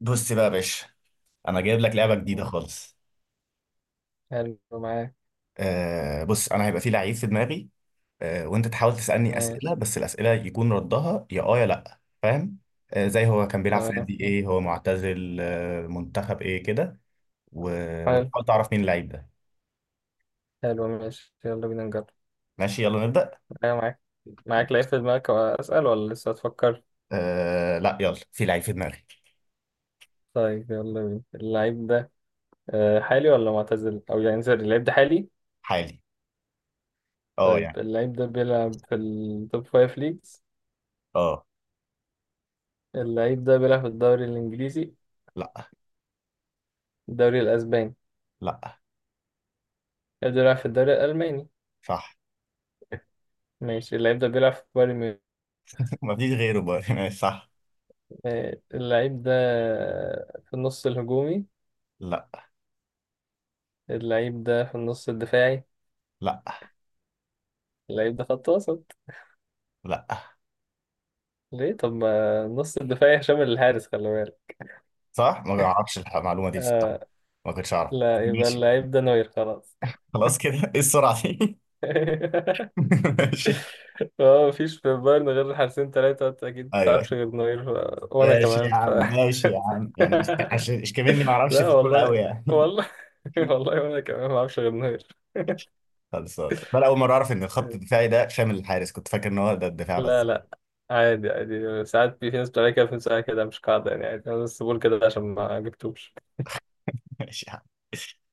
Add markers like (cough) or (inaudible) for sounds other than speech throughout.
بص بقى يا باشا، انا جايب لك لعبه جديده مم. خالص. حلو معاك. آه، بص انا هيبقى في لعيب في دماغي. آه، وانت تحاول تسالني اسئله، ماشي. بس الاسئله يكون ردها يا اه يا لا. فاهم؟ زي هو كان بيلعب في تمام. نادي ايه، هو معتزل منتخب ايه كده. و... حلو. وتحاول تعرف مين اللعيب ده. حلو، ماشي، يلا بينا نجرب. ماشي، يلا نبدا. أيوة معاك. معاك لعيب في دماغك، أسأل ولا لسه هتفكر؟ آه لا، يلا في لعيب في دماغي. طيب يلا بينا اللعيب ده حالي ولا معتزل؟ أو يعني سوري، اللعيب ده حالي؟ حالي. اه طيب يعني. اللعيب ده بيلعب في التوب فايف ليجز. اه. اللعيب ده بيلعب في الدوري الإنجليزي. لا، الدوري الأسباني. لا، اللعيب ده بيلعب في الدوري الألماني. صح. ماشي، اللعيب ده بيلعب في بايرن ميونخ. (laughs) مفيش غيره بقى. (laughs) ماشي، صح. اللعيب ده في النص الهجومي. لا، اللعيب ده في النص الدفاعي. لا، اللعيب ده خط وسط. لا، ليه؟ طب ما نص الدفاع شامل الحارس، خلي بالك. صح. ما اعرفش المعلومه دي بصراحه. آه، ما كنتش اعرف. لا، يبقى ماشي. اللعيب ده نوير خلاص. خلاص كده. (laughs) ايه السرعة دي؟ (laughs) (laughs) ماشي. هو مفيش في البايرن غير حارسين تلاتة، أنت أكيد ايوه، متعرفش غير نوير وأنا ماشي كمان يا ف عم ماشي يا عم، يعني مش (laughs) عشان مش كمان ما اعرفش لا في الكورة والله. قوي يعني. (laughs) والله. (laughs) والله وأنا كمان معرفش غير نوير. خلصان بقى، اول مرة اعرف ان الخط الدفاعي ده شامل الحارس، كنت فاكر ان هو ده الدفاع لا بس. لا، عادي عادي، ساعات في ناس بتعمل كده، في ناس بتعمل كده مش قاعدة يعني، عادي، أنا بس بقول كده عشان ما جبتوش. (laughs) ماشي يا عم.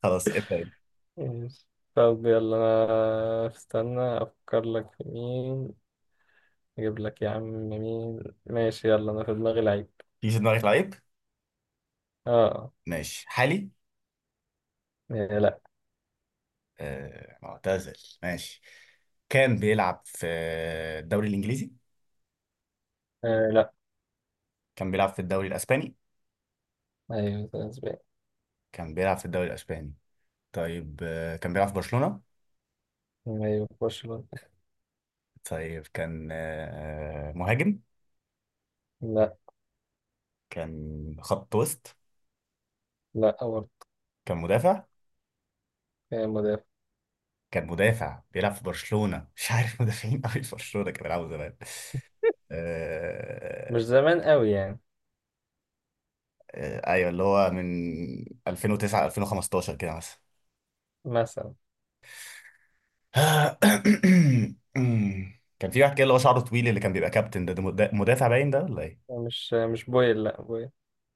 خلاص، ابدا انت. يس. طب يلا أنا استنى أفكر لك في مين. أجيب لك يا عم مين. ماشي يلا، أنا في دماغي لعيب. في في دماغك لعيب. آه. ماشي حالي. إيه، لا. آه معتزل. ماشي. كان بيلعب في الدوري الانجليزي. آه، لا. كان بيلعب في الدوري الاسباني. أيوة، ده أسباني. كان بيلعب في الدوري الاسباني. طيب كان بيلعب في برشلونة. أيوة في برشلونة. طيب كان مهاجم. لا. كان خط وسط. لا برضه. كان مدافع. إيه، مدافع. كان مدافع بيلعب في برشلونة، مش عارف مدافعين قوي في برشلونة كانوا بيلعبوا زمان. مش آه... زمان قوي يعني. ايوه اللي هو من 2009 2015 كده مثلا. مثلا. (coughs) كان في واحد كده اللي هو شعره طويل، اللي كان بيبقى كابتن ده، ده مدافع باين ده ولا ايه؟ مش بويل، لا بويل.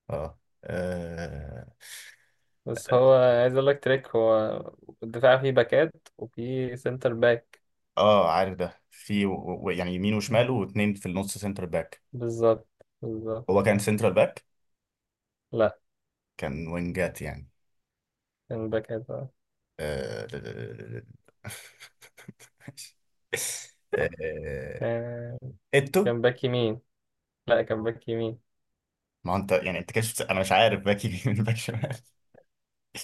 اه اه بس هو، عايز أقول لك تريك، هو الدفاع فيه باكات وفيه سنتر باك. عارف ده في يعني يمين وشمال واتنين في النص سنتر باك. بالظبط. بالظبط. هو كان سنترال باك. لا، كان وينجات يعني. كان باكات آه. آه، (laughs) آه، آه، اتو. كان باك يمين. لا، كان باك يمين. ما هو انت يعني انت كده انا مش عارف باك يمين باك شمال.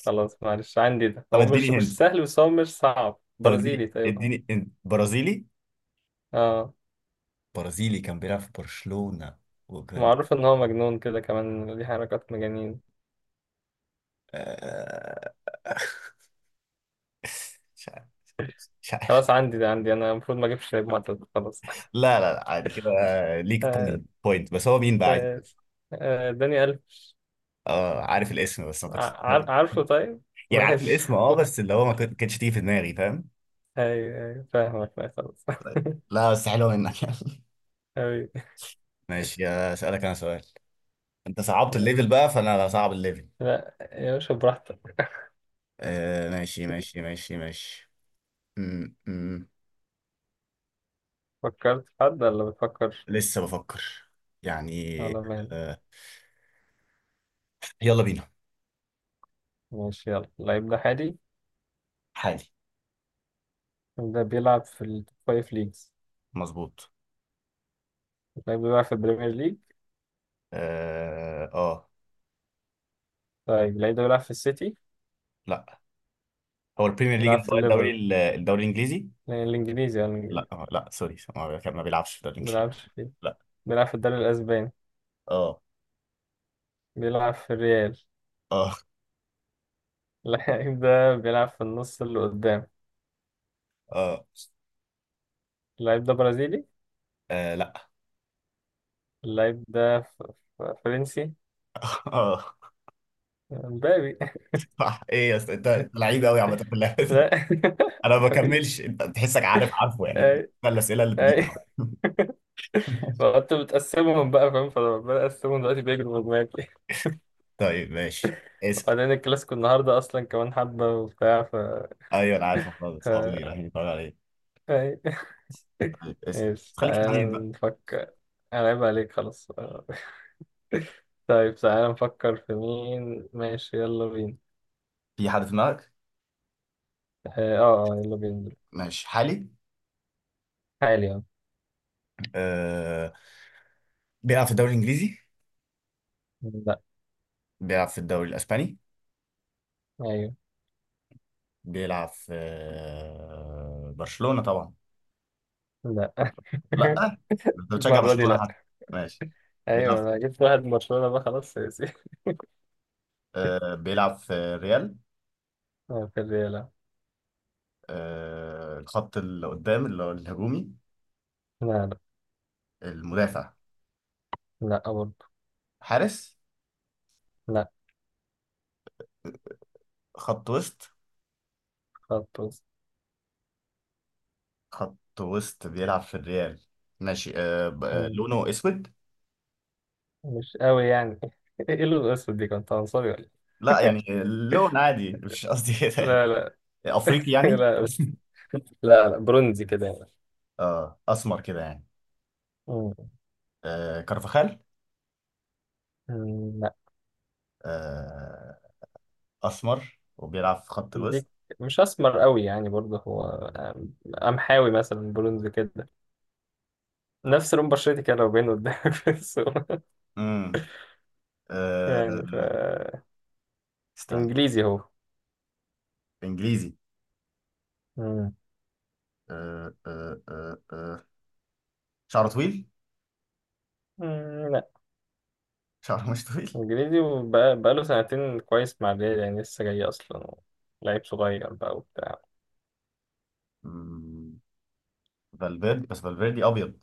خلاص معلش، عندي ده، طب هو مش اديني مش هند. سهل بس هو مش صعب، طب اديني برازيلي طيب هو. اديني هند. برازيلي. اه. برازيلي كان بيلعب في برشلونة. وكان. معروف ان هو مجنون كده كمان، ليه حركات مجانين. آه، (laughs) مش عارف. مش خلاص عارف. عندي ده، عندي انا، المفروض ما اجيبش لعيب معتاد خلاص. لا لا لا، عادي كده. (laughs) ليك آه، بوينت بوينت، بس هو مين بقى عايز؟ آه، داني ألف. اه عارف الاسم بس ما كنتش. عارفه طيب. يعني عارف ماشي. الاسم اه، بس اللي (laughs) هو ما كنت- كانتش تيجي في دماغي فاهم. ايوه ايوه فاهمك، لا خلاص. (laughs) لا بس حلوه منك. (laughs) حبيبي. ماشي، اسالك انا سؤال. انت صعبت الليفل ماشي. بقى، فانا هصعب الليفل. لا يا باشا، براحتك. آه، ماشي ماشي ماشي ماشي. م -م. فكرت في حد ولا بتفكر؟ لسه بفكر. يعني. ولا مالك؟ آه. يلا بينا. ماشي يلا، اللعيب ده حالي. حالي. ده بيلعب في التوب فايف ليجز. مظبوط. لعيب بيلعب في البريمير ليج. اه آه. طيب اللعيب ده بيلعب في السيتي. لا. هو البريمير ليج، بيلعب اللي في هو الليفر. الدوري الانجليزي. يعني الإنجليزي، يعني الإنجليزي. لا لا سوري، ما بيلعبش في الدوري ما الانجليزي. بيلعبش فيه. لا. بيلعب في الدوري الأسباني. اه. بيلعب في الريال. اه. (laughs) اللعيب ده بيلعب في النص اللي قدام. اه. اللعيب ده برازيلي. آه، لا. اللعيب ده فرنسي. (laughs) اه. مبابي. صح. ايه يا اسطى، أنت لعيب قوي عامه في (laughs) اللعبه. لا. (laughs) انا ما بكملش انت، تحسك عارف عارفه يعني. اي ده الاسئله اللي بتجيب. اي. (laughs) فانت بتقسمهم بقى فاهم، فلما بقسمهم دلوقتي بيجروا من دماغي. (laughs) طيب ماشي. اسال. وبعدين الكلاسيكو النهارده اصلا كمان حبه وبتاع. ايوه انا عارف الموضوع ده، اصحابي ف- رايحين يتفرجوا عليه. اي. طيب اسال. ماشي خليك حنين تعالى بقى. نفكر. انا عيب عليك خلاص آه. (laughs) طيب تعالى نفكر في مين، ماشي يلا بينا. في حد في دماغك؟ يلا بينا. ماشي حالي. حالي، اه. أه... بيلعب في الدوري الانجليزي. لا. بيلعب في الدوري الاسباني. ايوه. بيلعب في برشلونه طبعا. لا. (laughs) لا. انت بتشجع المرة دي برشلونه حد. لا. ماشي. ايوه، بيلعب. انا جبت واحد من برشلونة بقى خلاص سياسي. (laughs) بيلعب في ريال. اه في الريال اه. الخط اللي قدام اللي هو الهجومي. لا لا. المدافع. لا برضه. حارس. لا. خط وسط. خط وسط. خط وسط بيلعب في الريال. ماشي، مم. لونه اسود. مش قوي يعني. (laughs) ايه اللون الاسود دي، كنت عنصري ولا إيه؟ لا يعني. لون عادي. (laughs) مش قصدي كده يعني. لا لا. افريقي (laughs) يعني. لا بس. لا لا، برونزي كده يعني. اه اسمر كده يعني. مم. آه كارفاخال. مم. آه. اسمر وبيلعب في خط الوسط. دي مش اسمر قوي يعني برضه هو، قمحاوي مثلا، برونز كده، نفس لون بشرتي كده لو باين قدامك في الصورة. امم. (laughs) يعني. آه. استنى. انجليزي هو. انجليزي. مم. آه آه آه آه. شعره طويل. مم، لا. شعره مش طويل. انجليزي، وبقى له سنتين كويس مع الريال، يعني لسه جاي اصلا، لعيب صغير بقى وبتاع. مم، فالفيردي، بس فالفيردي ابيض.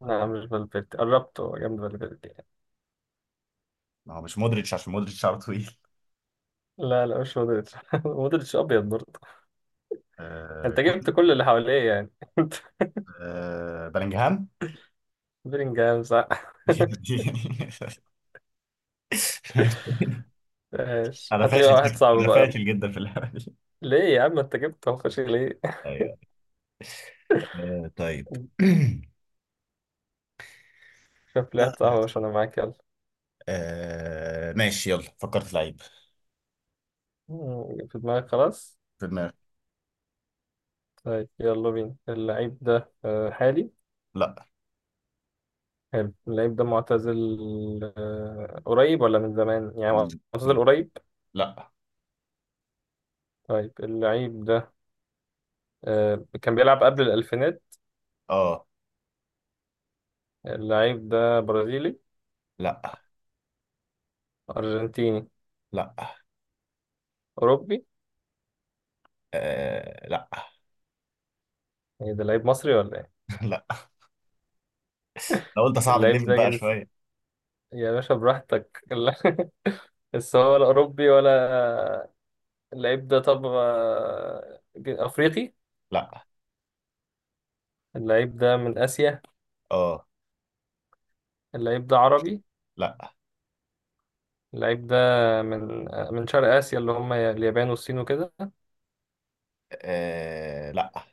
لا مش فالفيردي، قربت، هو جنب فالفيردي يعني. ما هو مش مودريتش، عشان مودريتش شعره طويل. لا لا، مش مودريتش. (laughs) مودريتش ابيض برضه. آه. انت جبت كل اللي حواليه يعني. آه، بلينجهام. (laughs) بلينجهام، صح. (laughs) (laughs) ماشي، انا هات لي بقى فاشل واحد جدا، صعب انا بقى. فاشل جدا في اللعبه دي. ليه يا عم، انت جبت الخش ليه؟ (laughs) ايوه. آه، طيب. شوف لي واحد (clears throat) صاحبي عشان انا معاك، يلا. آه، ماشي يلا فكرت في لعيب. في دماغك خلاص. في دماغي. طيب يلا بينا، اللعيب ده حالي. لا. حلو، اللعيب ده معتزل. قريب ولا من زمان؟ يعني م- معتزل م- قريب. لا. طيب اللعيب ده كان بيلعب قبل الألفينات. اه. اللعيب ده برازيلي. لا. أرجنتيني. لا. أوروبي. آه، لا. ايه ده، لعيب مصري ولا ايه؟ (laughs) لا. لو انت صعب اللعيب الليفل ده بقى جنس، شويه. يا باشا براحتك، (laughs) لا، بس هو ولا أوروبي ولا. اللعيب ده طب أفريقي. لا. اللعيب ده من آسيا. اه. اللعيب ده عربي. لا. اللعيب ده من شرق آسيا اللي هم اليابان والصين وكده. آه، لا.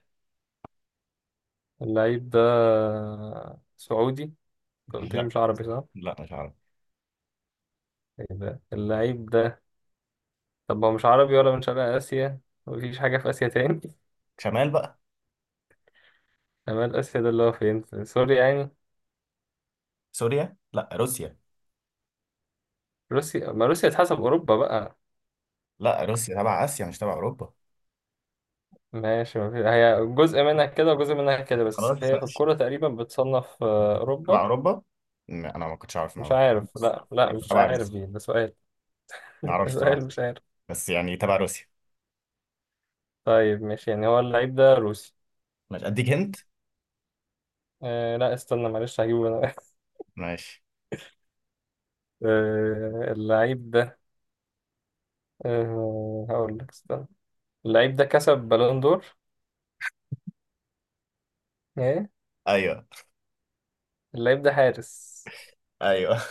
اللعيب ده سعودي. أنت قلت لي لا. مش عربي صح؟ لا مش عارف. إيه ده؟ اللعيب ده طب هو مش عربي ولا من شرق آسيا، مفيش حاجة في آسيا تاني. (laughs) شمال بقى. شمال آسيا ده اللي هو فين؟ في سوريا يعني. سوريا لا روسيا. روسيا، ما روسيا تحسب أوروبا بقى. لا، روسيا تبع اسيا مش تبع اوروبا. ماشي، ما هي جزء منها كده وجزء منها كده، بس خلاص هي في ماشي. الكورة تقريبا بتصنف تبع أوروبا. اوروبا. انا ما كنتش اعرف مش معلومه. عارف، لا لا يبقى مش تبع عارف روسيا. دي، ده سؤال. (laughs) ما ده اعرفش صراحه. سؤال مش عارف. بس يعني تبع روسيا. طيب ماشي، يعني هو اللعيب ده روسي. ماشي اديك هنت. آه لا، استنى معلش هجيبه انا. (laughs) ماشي. اللعيب ده، هقول لك استنى، اللعيب ده كسب بالون دور. ايه. ايوه اللعيب ده حارس. ايوه.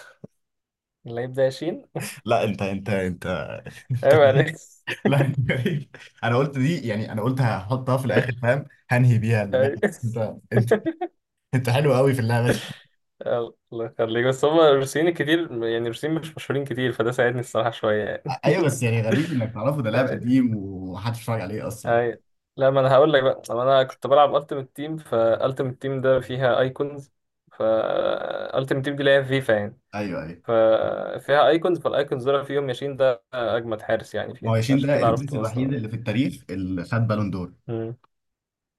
اللعيب ده ياشين. (laughs) لا انت انت انت (laughs) انت ايوه، (laughs) غريب. عليك. لا انت غريب. انا قلت دي يعني انا قلت هحطها في الاخر فاهم. هنهي بيها، لا أيوة. بس انت انت انت حلو قوي في اللعبه دي. الله يخليك، بس هم الروسيين كتير يعني، الروسيين مش مشهورين كتير، فده ساعدني الصراحة شوية يعني. ايوه بس يعني غريب انك تعرفه، ده لاعب (laughs) قديم ومحدش اتفرج عليه اصلا. اي. لا، ما انا هقول لك بقى، طب انا كنت بلعب التيمت تيم، فالتيمت تيم ده فيها ايكونز، فالتيمت تيم دي اللي هي فيفا يعني. ايوه ايوه. ففيها ايكونز، فالايكونز دول فيهم ياشين ده اجمد حارس يعني ما فيها، هو ياشين عشان ده كده الجنس عرفته الوحيد اصلا. اللي في التاريخ اللي خد بالون دور. مم.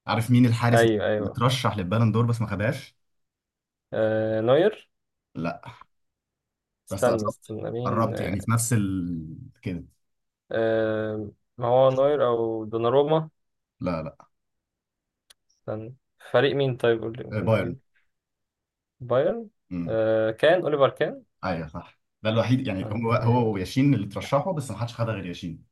عارف مين الحارس ايوه اللي ايوه. اترشح للبالون دور بس ما خدهاش؟ آه نوير. لا. بس استنى قربت. استنى مين؟ قربت يعني في نفس كده. آه ما هو نوير او دوناروما. لا لا. استنى. فريق مين؟ طيب قول لي آه، ممكن بايرن. اجيب. بايرن. امم. كان اوليفر كان. ايوه صح، ده الوحيد يعني، آه. هو هو وياشين اللي ترشحوا بس ما حدش خدها غير ياشين.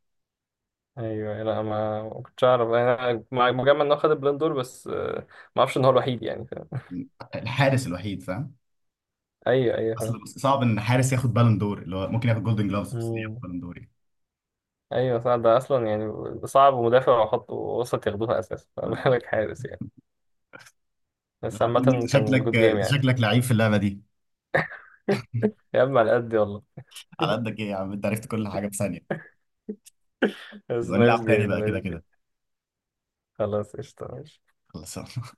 ايوه، لا، ما كنتش اعرف انا، مجمع ان هو خد البلندور دور بس. ما اعرفش ان هو الوحيد يعني، فاهم. مم. الحارس الوحيد فاهم. ايوه ايوه فاهم. اصل صعب ان حارس ياخد بس. بالون دور، اللي هو ممكن ياخد جولدن جلوفز، بس ليه ياخد امم بالون دور يعني. ايوه صح، ده اصلا يعني صعب، ومدافع وخط وسط ياخدوها اساسا، (laughs) فما بالظبط. بالك حارس يعني. لا، بس انت عامة. كان شكلك جود جيم انت يعني. شكلك لعيب في اللعبه دي. (laughs) يا عم على قد والله. على قدك (laughs) ايه يا عم، انت عرفت كل حاجه في ثانيه. بس نبقى نايس نلعب تاني جيم، بقى كده نايس جيم. كده. خلاص، قشطة ماشي. خلاص